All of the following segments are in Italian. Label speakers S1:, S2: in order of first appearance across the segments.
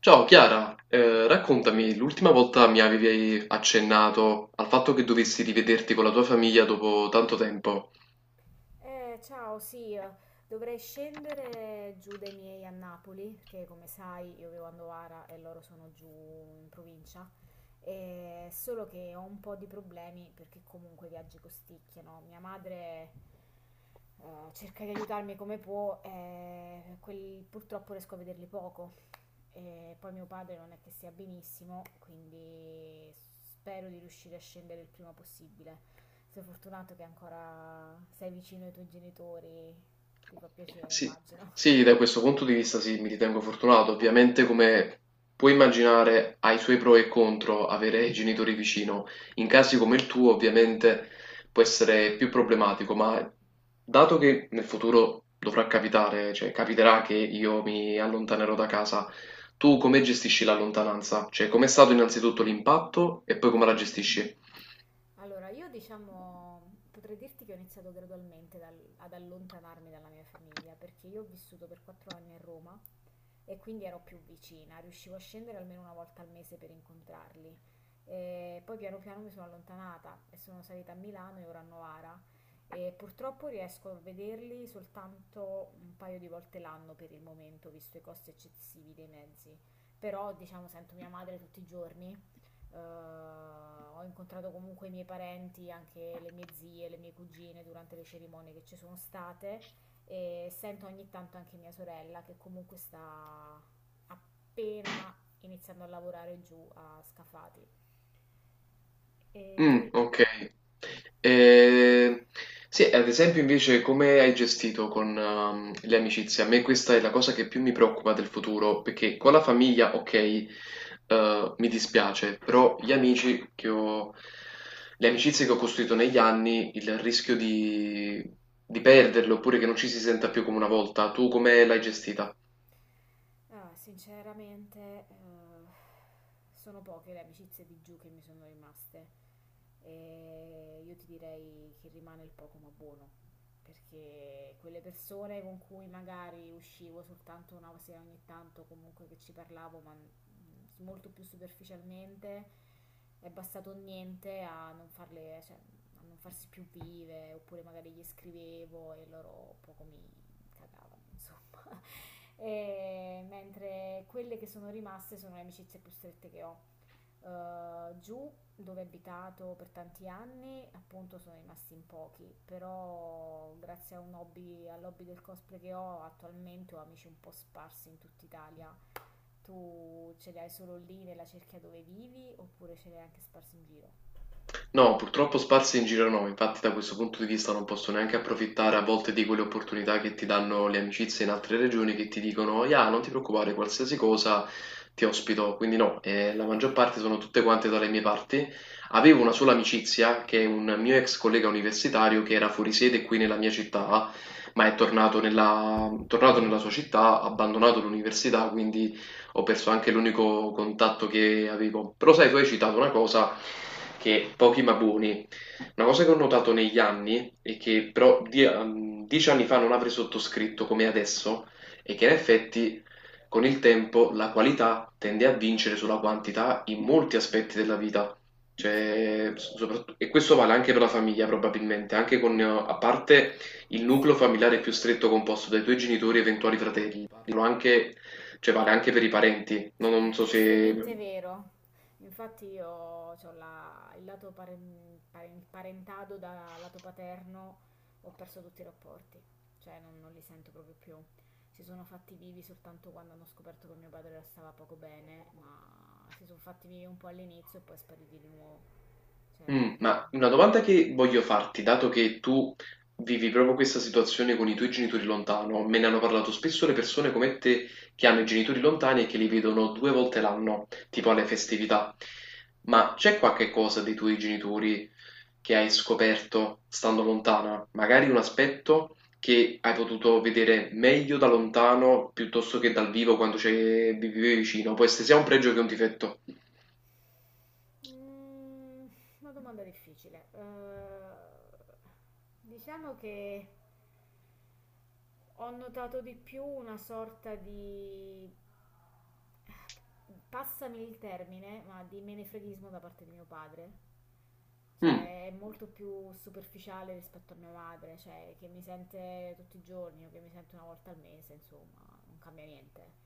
S1: Ciao Chiara, raccontami, l'ultima volta mi avevi accennato al fatto che dovessi rivederti con la tua famiglia dopo tanto tempo.
S2: Eh, ciao, sì, eh, dovrei scendere giù dai miei a Napoli, perché come sai io vivo a Novara e loro sono giù in provincia. Solo che ho un po' di problemi perché comunque i viaggi costicchiano. Mia madre cerca di aiutarmi come può, purtroppo riesco a vederli poco. E poi mio padre non è che sia benissimo, quindi spero di riuscire a scendere il prima possibile. Sei fortunato che ancora sei vicino ai tuoi genitori, ti fa piacere,
S1: Sì,
S2: immagino.
S1: sì, da questo punto di vista sì, mi ritengo fortunato. Ovviamente, come puoi immaginare, ha i suoi pro e contro avere i genitori vicino. In casi come il tuo, ovviamente, può essere più problematico, ma dato che nel futuro dovrà capitare, cioè capiterà che io mi allontanerò da casa, tu come gestisci la lontananza? Cioè, com'è stato innanzitutto l'impatto e poi come la gestisci?
S2: Allora, io diciamo, potrei dirti che ho iniziato gradualmente ad allontanarmi dalla mia famiglia, perché io ho vissuto per 4 anni a Roma e quindi ero più vicina, riuscivo a scendere almeno una volta al mese per incontrarli. E poi piano piano mi sono allontanata e sono salita a Milano e ora a Novara, e purtroppo riesco a vederli soltanto un paio di volte l'anno per il momento, visto i costi eccessivi dei mezzi. Però, diciamo, sento mia madre tutti i giorni. Ho incontrato comunque i miei parenti, anche le mie zie, le mie cugine, durante le cerimonie che ci sono state, e sento ogni tanto anche mia sorella, che comunque sta appena iniziando a lavorare giù a Scafati. E tu,
S1: Mm, ok. Eh, sì, ad esempio invece come hai gestito con le amicizie? A me questa è la cosa che più mi preoccupa del futuro, perché con la famiglia, ok, mi dispiace, però gli amici che ho, le amicizie che ho costruito negli anni, il rischio di perderle oppure che non ci si senta più come una volta, tu come l'hai gestita?
S2: ah, sinceramente, eh, sono poche le amicizie di giù che mi sono rimaste. E io ti direi che rimane il poco ma buono, perché quelle persone con cui magari uscivo soltanto una sera ogni tanto, comunque che ci parlavo, ma molto più superficialmente, è bastato niente a non farle, cioè, a non farsi più vive, oppure magari gli scrivevo e loro poco mi cagavano, insomma. E mentre quelle che sono rimaste sono le amicizie più strette che ho. Giù dove ho abitato per tanti anni, appunto sono rimasti in pochi, però grazie a un hobby, all'hobby del cosplay che ho attualmente, ho amici un po' sparsi in tutta Italia. Tu ce li hai solo lì nella cerchia dove vivi, oppure ce li hai anche sparsi in giro?
S1: No, purtroppo sparsi in giro no, infatti da questo punto di vista non posso neanche approfittare a volte di quelle opportunità che ti danno le amicizie in altre regioni che ti dicono, ya, non ti preoccupare, qualsiasi cosa ti ospito, quindi no, la maggior parte sono tutte quante dalle mie parti. Avevo una sola amicizia che è un mio ex collega universitario che era fuori sede qui nella mia città, ma è tornato tornato nella sua città, ha abbandonato l'università, quindi ho perso anche l'unico contatto che avevo. Però sai, tu hai citato una cosa che pochi ma buoni, una cosa che ho notato negli anni e che però 10 anni fa non avrei sottoscritto come adesso è che in effetti con il tempo la qualità tende a vincere sulla quantità in molti aspetti della vita.
S2: Sì.
S1: Cioè, e questo vale anche per la famiglia probabilmente, anche con, a parte il nucleo familiare più stretto composto dai tuoi genitori e eventuali fratelli, parlo anche, cioè vale anche per i parenti,
S2: Sì,
S1: non
S2: è
S1: so se
S2: tristemente vero. Infatti io ho la, il lato il parentado da lato paterno, ho perso tutti i rapporti, cioè non, non li sento proprio più. Si sono fatti vivi soltanto quando hanno scoperto che mio padre stava poco bene, ma si sono fatti vivi un po' all'inizio e poi spariti di nuovo. Cioè
S1: Mm,
S2: non...
S1: ma una domanda che voglio farti, dato che tu vivi proprio questa situazione con i tuoi genitori lontano, me ne hanno parlato spesso le persone come te che hanno i genitori lontani e che li vedono 2 volte l'anno, tipo alle festività. Ma c'è qualche cosa dei tuoi genitori che hai scoperto stando lontana? Magari un aspetto che hai potuto vedere meglio da lontano piuttosto che dal vivo quando ci vivevi vicino, può essere sia un pregio che un difetto.
S2: Mm, una domanda difficile. Diciamo che... Ho notato di più una sorta di, passami il termine, ma di menefreghismo da parte di mio padre.
S1: Mm.
S2: Cioè, è molto più superficiale rispetto a mia madre, cioè, che mi sente tutti i giorni o che mi sente una volta al mese, insomma, non cambia niente.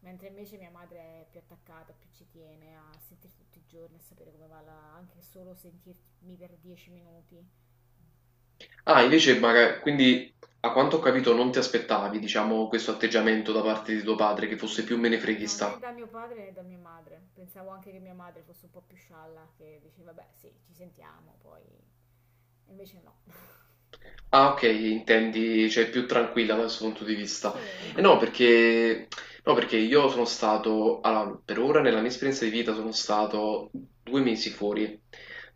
S2: Mentre invece mia madre è più attaccata, più ci tiene a sentirti tutti i giorni, a sapere come va, anche solo sentirmi per 10 minuti.
S1: Ah, invece, magari, quindi a quanto ho capito non ti aspettavi, diciamo, questo atteggiamento da parte di tuo padre, che fosse più
S2: Mm, no, né
S1: menefreghista.
S2: da mio padre né da mia madre. Pensavo anche che mia madre fosse un po' più scialla, che diceva, beh, sì, ci sentiamo, poi... Invece no.
S1: Ah, ok, intendi, cioè più tranquilla da questo punto di vista.
S2: Sì,
S1: E no, perché io sono stato, allora, per ora nella mia esperienza di vita sono stato 2 mesi fuori,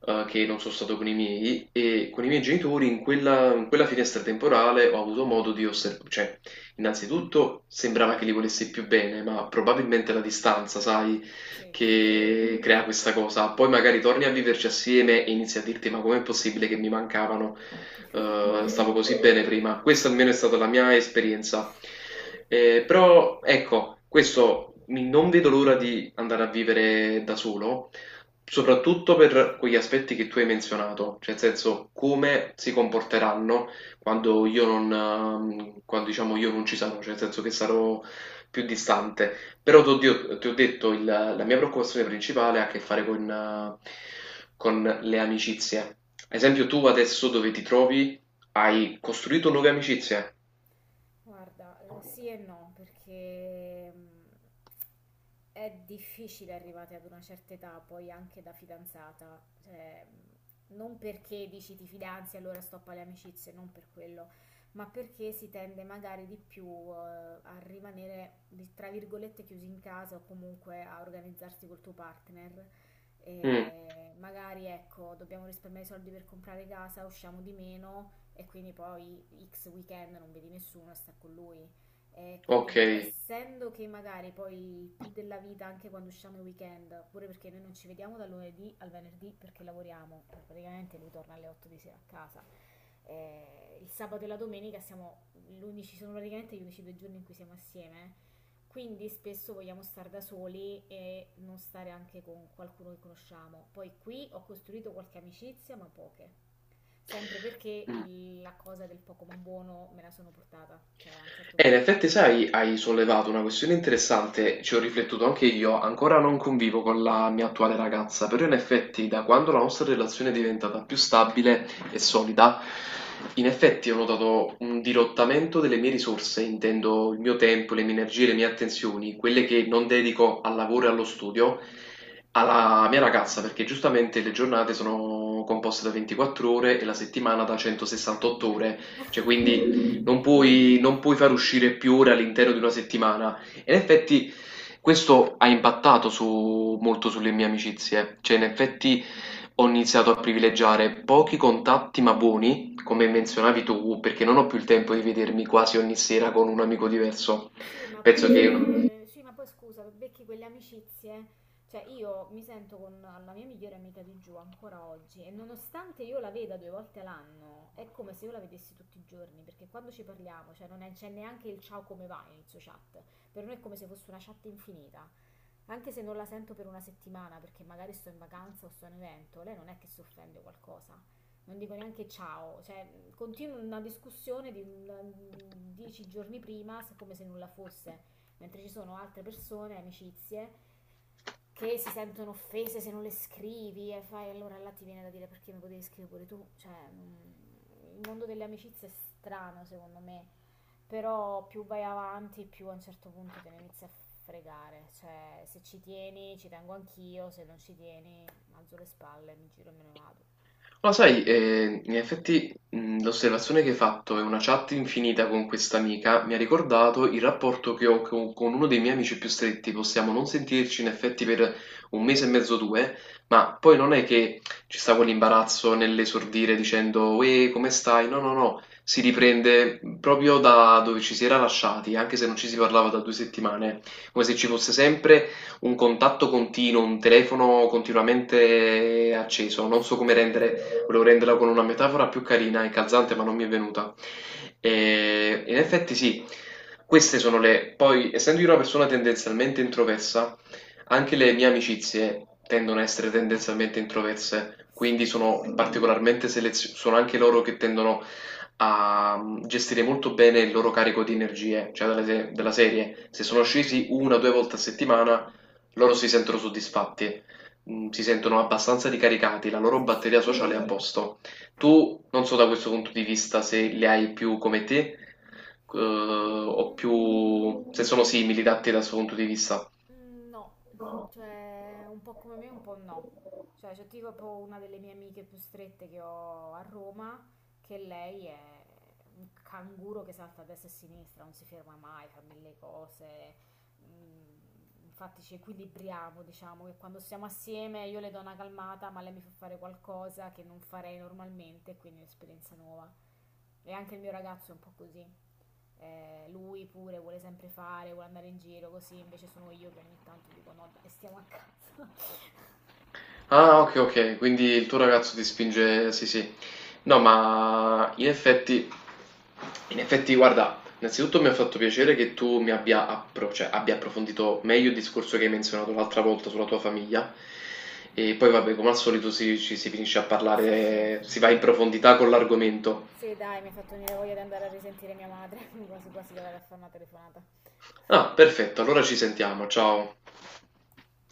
S1: che non sono stato con i miei, e con i miei genitori in quella finestra temporale ho avuto modo di osservare, cioè, innanzitutto sembrava che li volessi più bene, ma probabilmente la distanza, sai,
S2: sì.
S1: che crea questa cosa. Poi magari torni a viverci assieme e inizi a dirti, ma com'è possibile che mi mancavano? Stavo così bene prima. Questa almeno è stata la mia esperienza. Però ecco, non vedo l'ora di andare a vivere da solo, soprattutto per quegli aspetti che tu hai menzionato, cioè nel senso come si comporteranno quando io non, quando, diciamo, io non ci sarò, cioè nel senso che sarò più distante. Però ti ho detto, la mia preoccupazione principale ha a che fare eh, con le amicizie. Ad esempio, tu adesso dove ti trovi hai costruito nuove amicizie?
S2: Guarda, sì e no, perché è difficile arrivate ad una certa età, poi anche da fidanzata, cioè, non perché dici ti fidanzi e allora stoppa le amicizie, non per quello, ma perché si tende magari di più eh, a rimanere, tra virgolette, chiusi in casa o comunque a organizzarsi col tuo partner.
S1: Mm,
S2: E magari ecco, dobbiamo risparmiare i soldi per comprare casa, usciamo di meno, e quindi poi X weekend non vedi nessuno, sta con lui. E quindi
S1: ok.
S2: essendo che magari poi più della vita anche quando usciamo il weekend, pure perché noi non ci vediamo dal lunedì al venerdì perché lavoriamo, poi praticamente lui torna alle 8 di sera a casa. Il sabato e la domenica siamo l'unici, sono praticamente gli unici due giorni in cui siamo assieme. Quindi spesso vogliamo stare da soli e non stare anche con qualcuno che conosciamo. Poi qui ho costruito qualche amicizia, ma poche. Sempre perché
S1: Mm.
S2: la cosa del poco ma buono me la sono portata, cioè a un certo
S1: In
S2: punto.
S1: effetti, sai, hai sollevato una questione interessante, ci ho riflettuto anche io, ancora non convivo con la mia attuale ragazza, però in effetti da quando la nostra relazione è diventata più stabile e solida, in effetti ho notato un dirottamento delle mie risorse, intendo il mio tempo, le mie energie, le mie attenzioni, quelle che non dedico al lavoro e allo studio, alla mia ragazza, perché giustamente le giornate sono composte da 24 ore e la settimana da 168 ore, cioè quindi non puoi far uscire più ore all'interno di una settimana. E in effetti questo ha molto sulle mie amicizie, cioè in effetti ho iniziato a privilegiare pochi contatti ma buoni, come menzionavi tu, perché non ho più il tempo di vedermi quasi ogni sera con un amico diverso.
S2: Sì, ma poi
S1: Penso che
S2: c'è... Sì, ma poi scusa, becchi quelle amicizie. Cioè, io mi sento con la mia migliore amica di giù ancora oggi, e nonostante io la veda due volte all'anno, è come se io la vedessi tutti i giorni, perché quando ci parliamo, cioè non è- c'è neanche il ciao come va inizio chat. Per noi è come se fosse una chat infinita, anche se non la sento per una settimana perché magari sto in vacanza o sto in evento, lei non è che si offende o qualcosa. Non dico neanche ciao, cioè continuo una discussione di 10 giorni prima come se nulla fosse, mentre ci sono altre persone, amicizie, che si sentono offese se non le scrivi, e fai allora là ti viene da dire perché mi potevi scrivere pure tu, cioè, il mondo delle amicizie è strano secondo me, però più vai avanti più a un certo punto te ne inizi a fregare, cioè se ci tieni ci tengo anch'io, se non ci tieni alzo le spalle, mi giro e me ne vado.
S1: ma sai, in effetti l'osservazione che hai fatto e una chat infinita con questa amica mi ha ricordato il rapporto che ho con, uno dei miei amici più stretti. Possiamo non sentirci in effetti per un mese e mezzo o due, ma poi non è che ci sta quell'imbarazzo nell'esordire dicendo «Uè, come stai?» No, no, no, si riprende proprio da dove ci si era lasciati, anche se non ci si parlava da due settimane, come se ci fosse sempre un contatto continuo, un telefono continuamente acceso. Non
S2: Sì,
S1: so come
S2: esatto.
S1: rendere, volevo renderla con una metafora più carina e calzante, ma non mi è venuta. E in effetti sì, queste sono le... Poi, essendo io una persona tendenzialmente introversa, anche le mie amicizie tendono a essere tendenzialmente introverse,
S2: Sì,
S1: quindi sono particolarmente selezionate, sono anche loro che tendono a gestire molto bene il loro carico di energie, della serie. Se sono scesi una o due volte a settimana, loro si sentono soddisfatti, mhmm, si sentono abbastanza ricaricati, la loro
S2: sì, sì.
S1: batteria sociale è a posto. Tu non so da questo punto di vista se li hai più come te, o
S2: Mm,
S1: più se sono simili da te da questo punto di vista.
S2: mm, no, cioè un po' come me, un po' no. Cioè, c'è tipo proprio una delle mie amiche più strette che ho a Roma, che lei è un canguro che salta a destra e a sinistra, non si ferma mai, fa mille cose. Mm, infatti ci equilibriamo, diciamo che quando siamo assieme io le do una calmata, ma lei mi fa fare qualcosa che non farei normalmente, quindi è un'esperienza nuova. E anche il mio ragazzo è un po' così. Lui pure vuole sempre fare, vuole andare in giro così, invece sono io che ogni tanto dico no, dai, stiamo a casa.
S1: Ah, ok, ok, quindi il tuo ragazzo ti spinge, sì, sì. No, ma in effetti, guarda, innanzitutto mi ha fatto piacere che tu mi abbia, abbia approfondito meglio il discorso che hai menzionato l'altra volta sulla tua famiglia. E poi, vabbè, come al solito ci si finisce a
S2: Sì, sì.
S1: parlare, si va in profondità con l'argomento.
S2: Sì, dai, mi ha fatto venire voglia di andare a risentire mia madre, quasi quasi le vado a fare una telefonata.
S1: Ah, perfetto, allora ci sentiamo, ciao.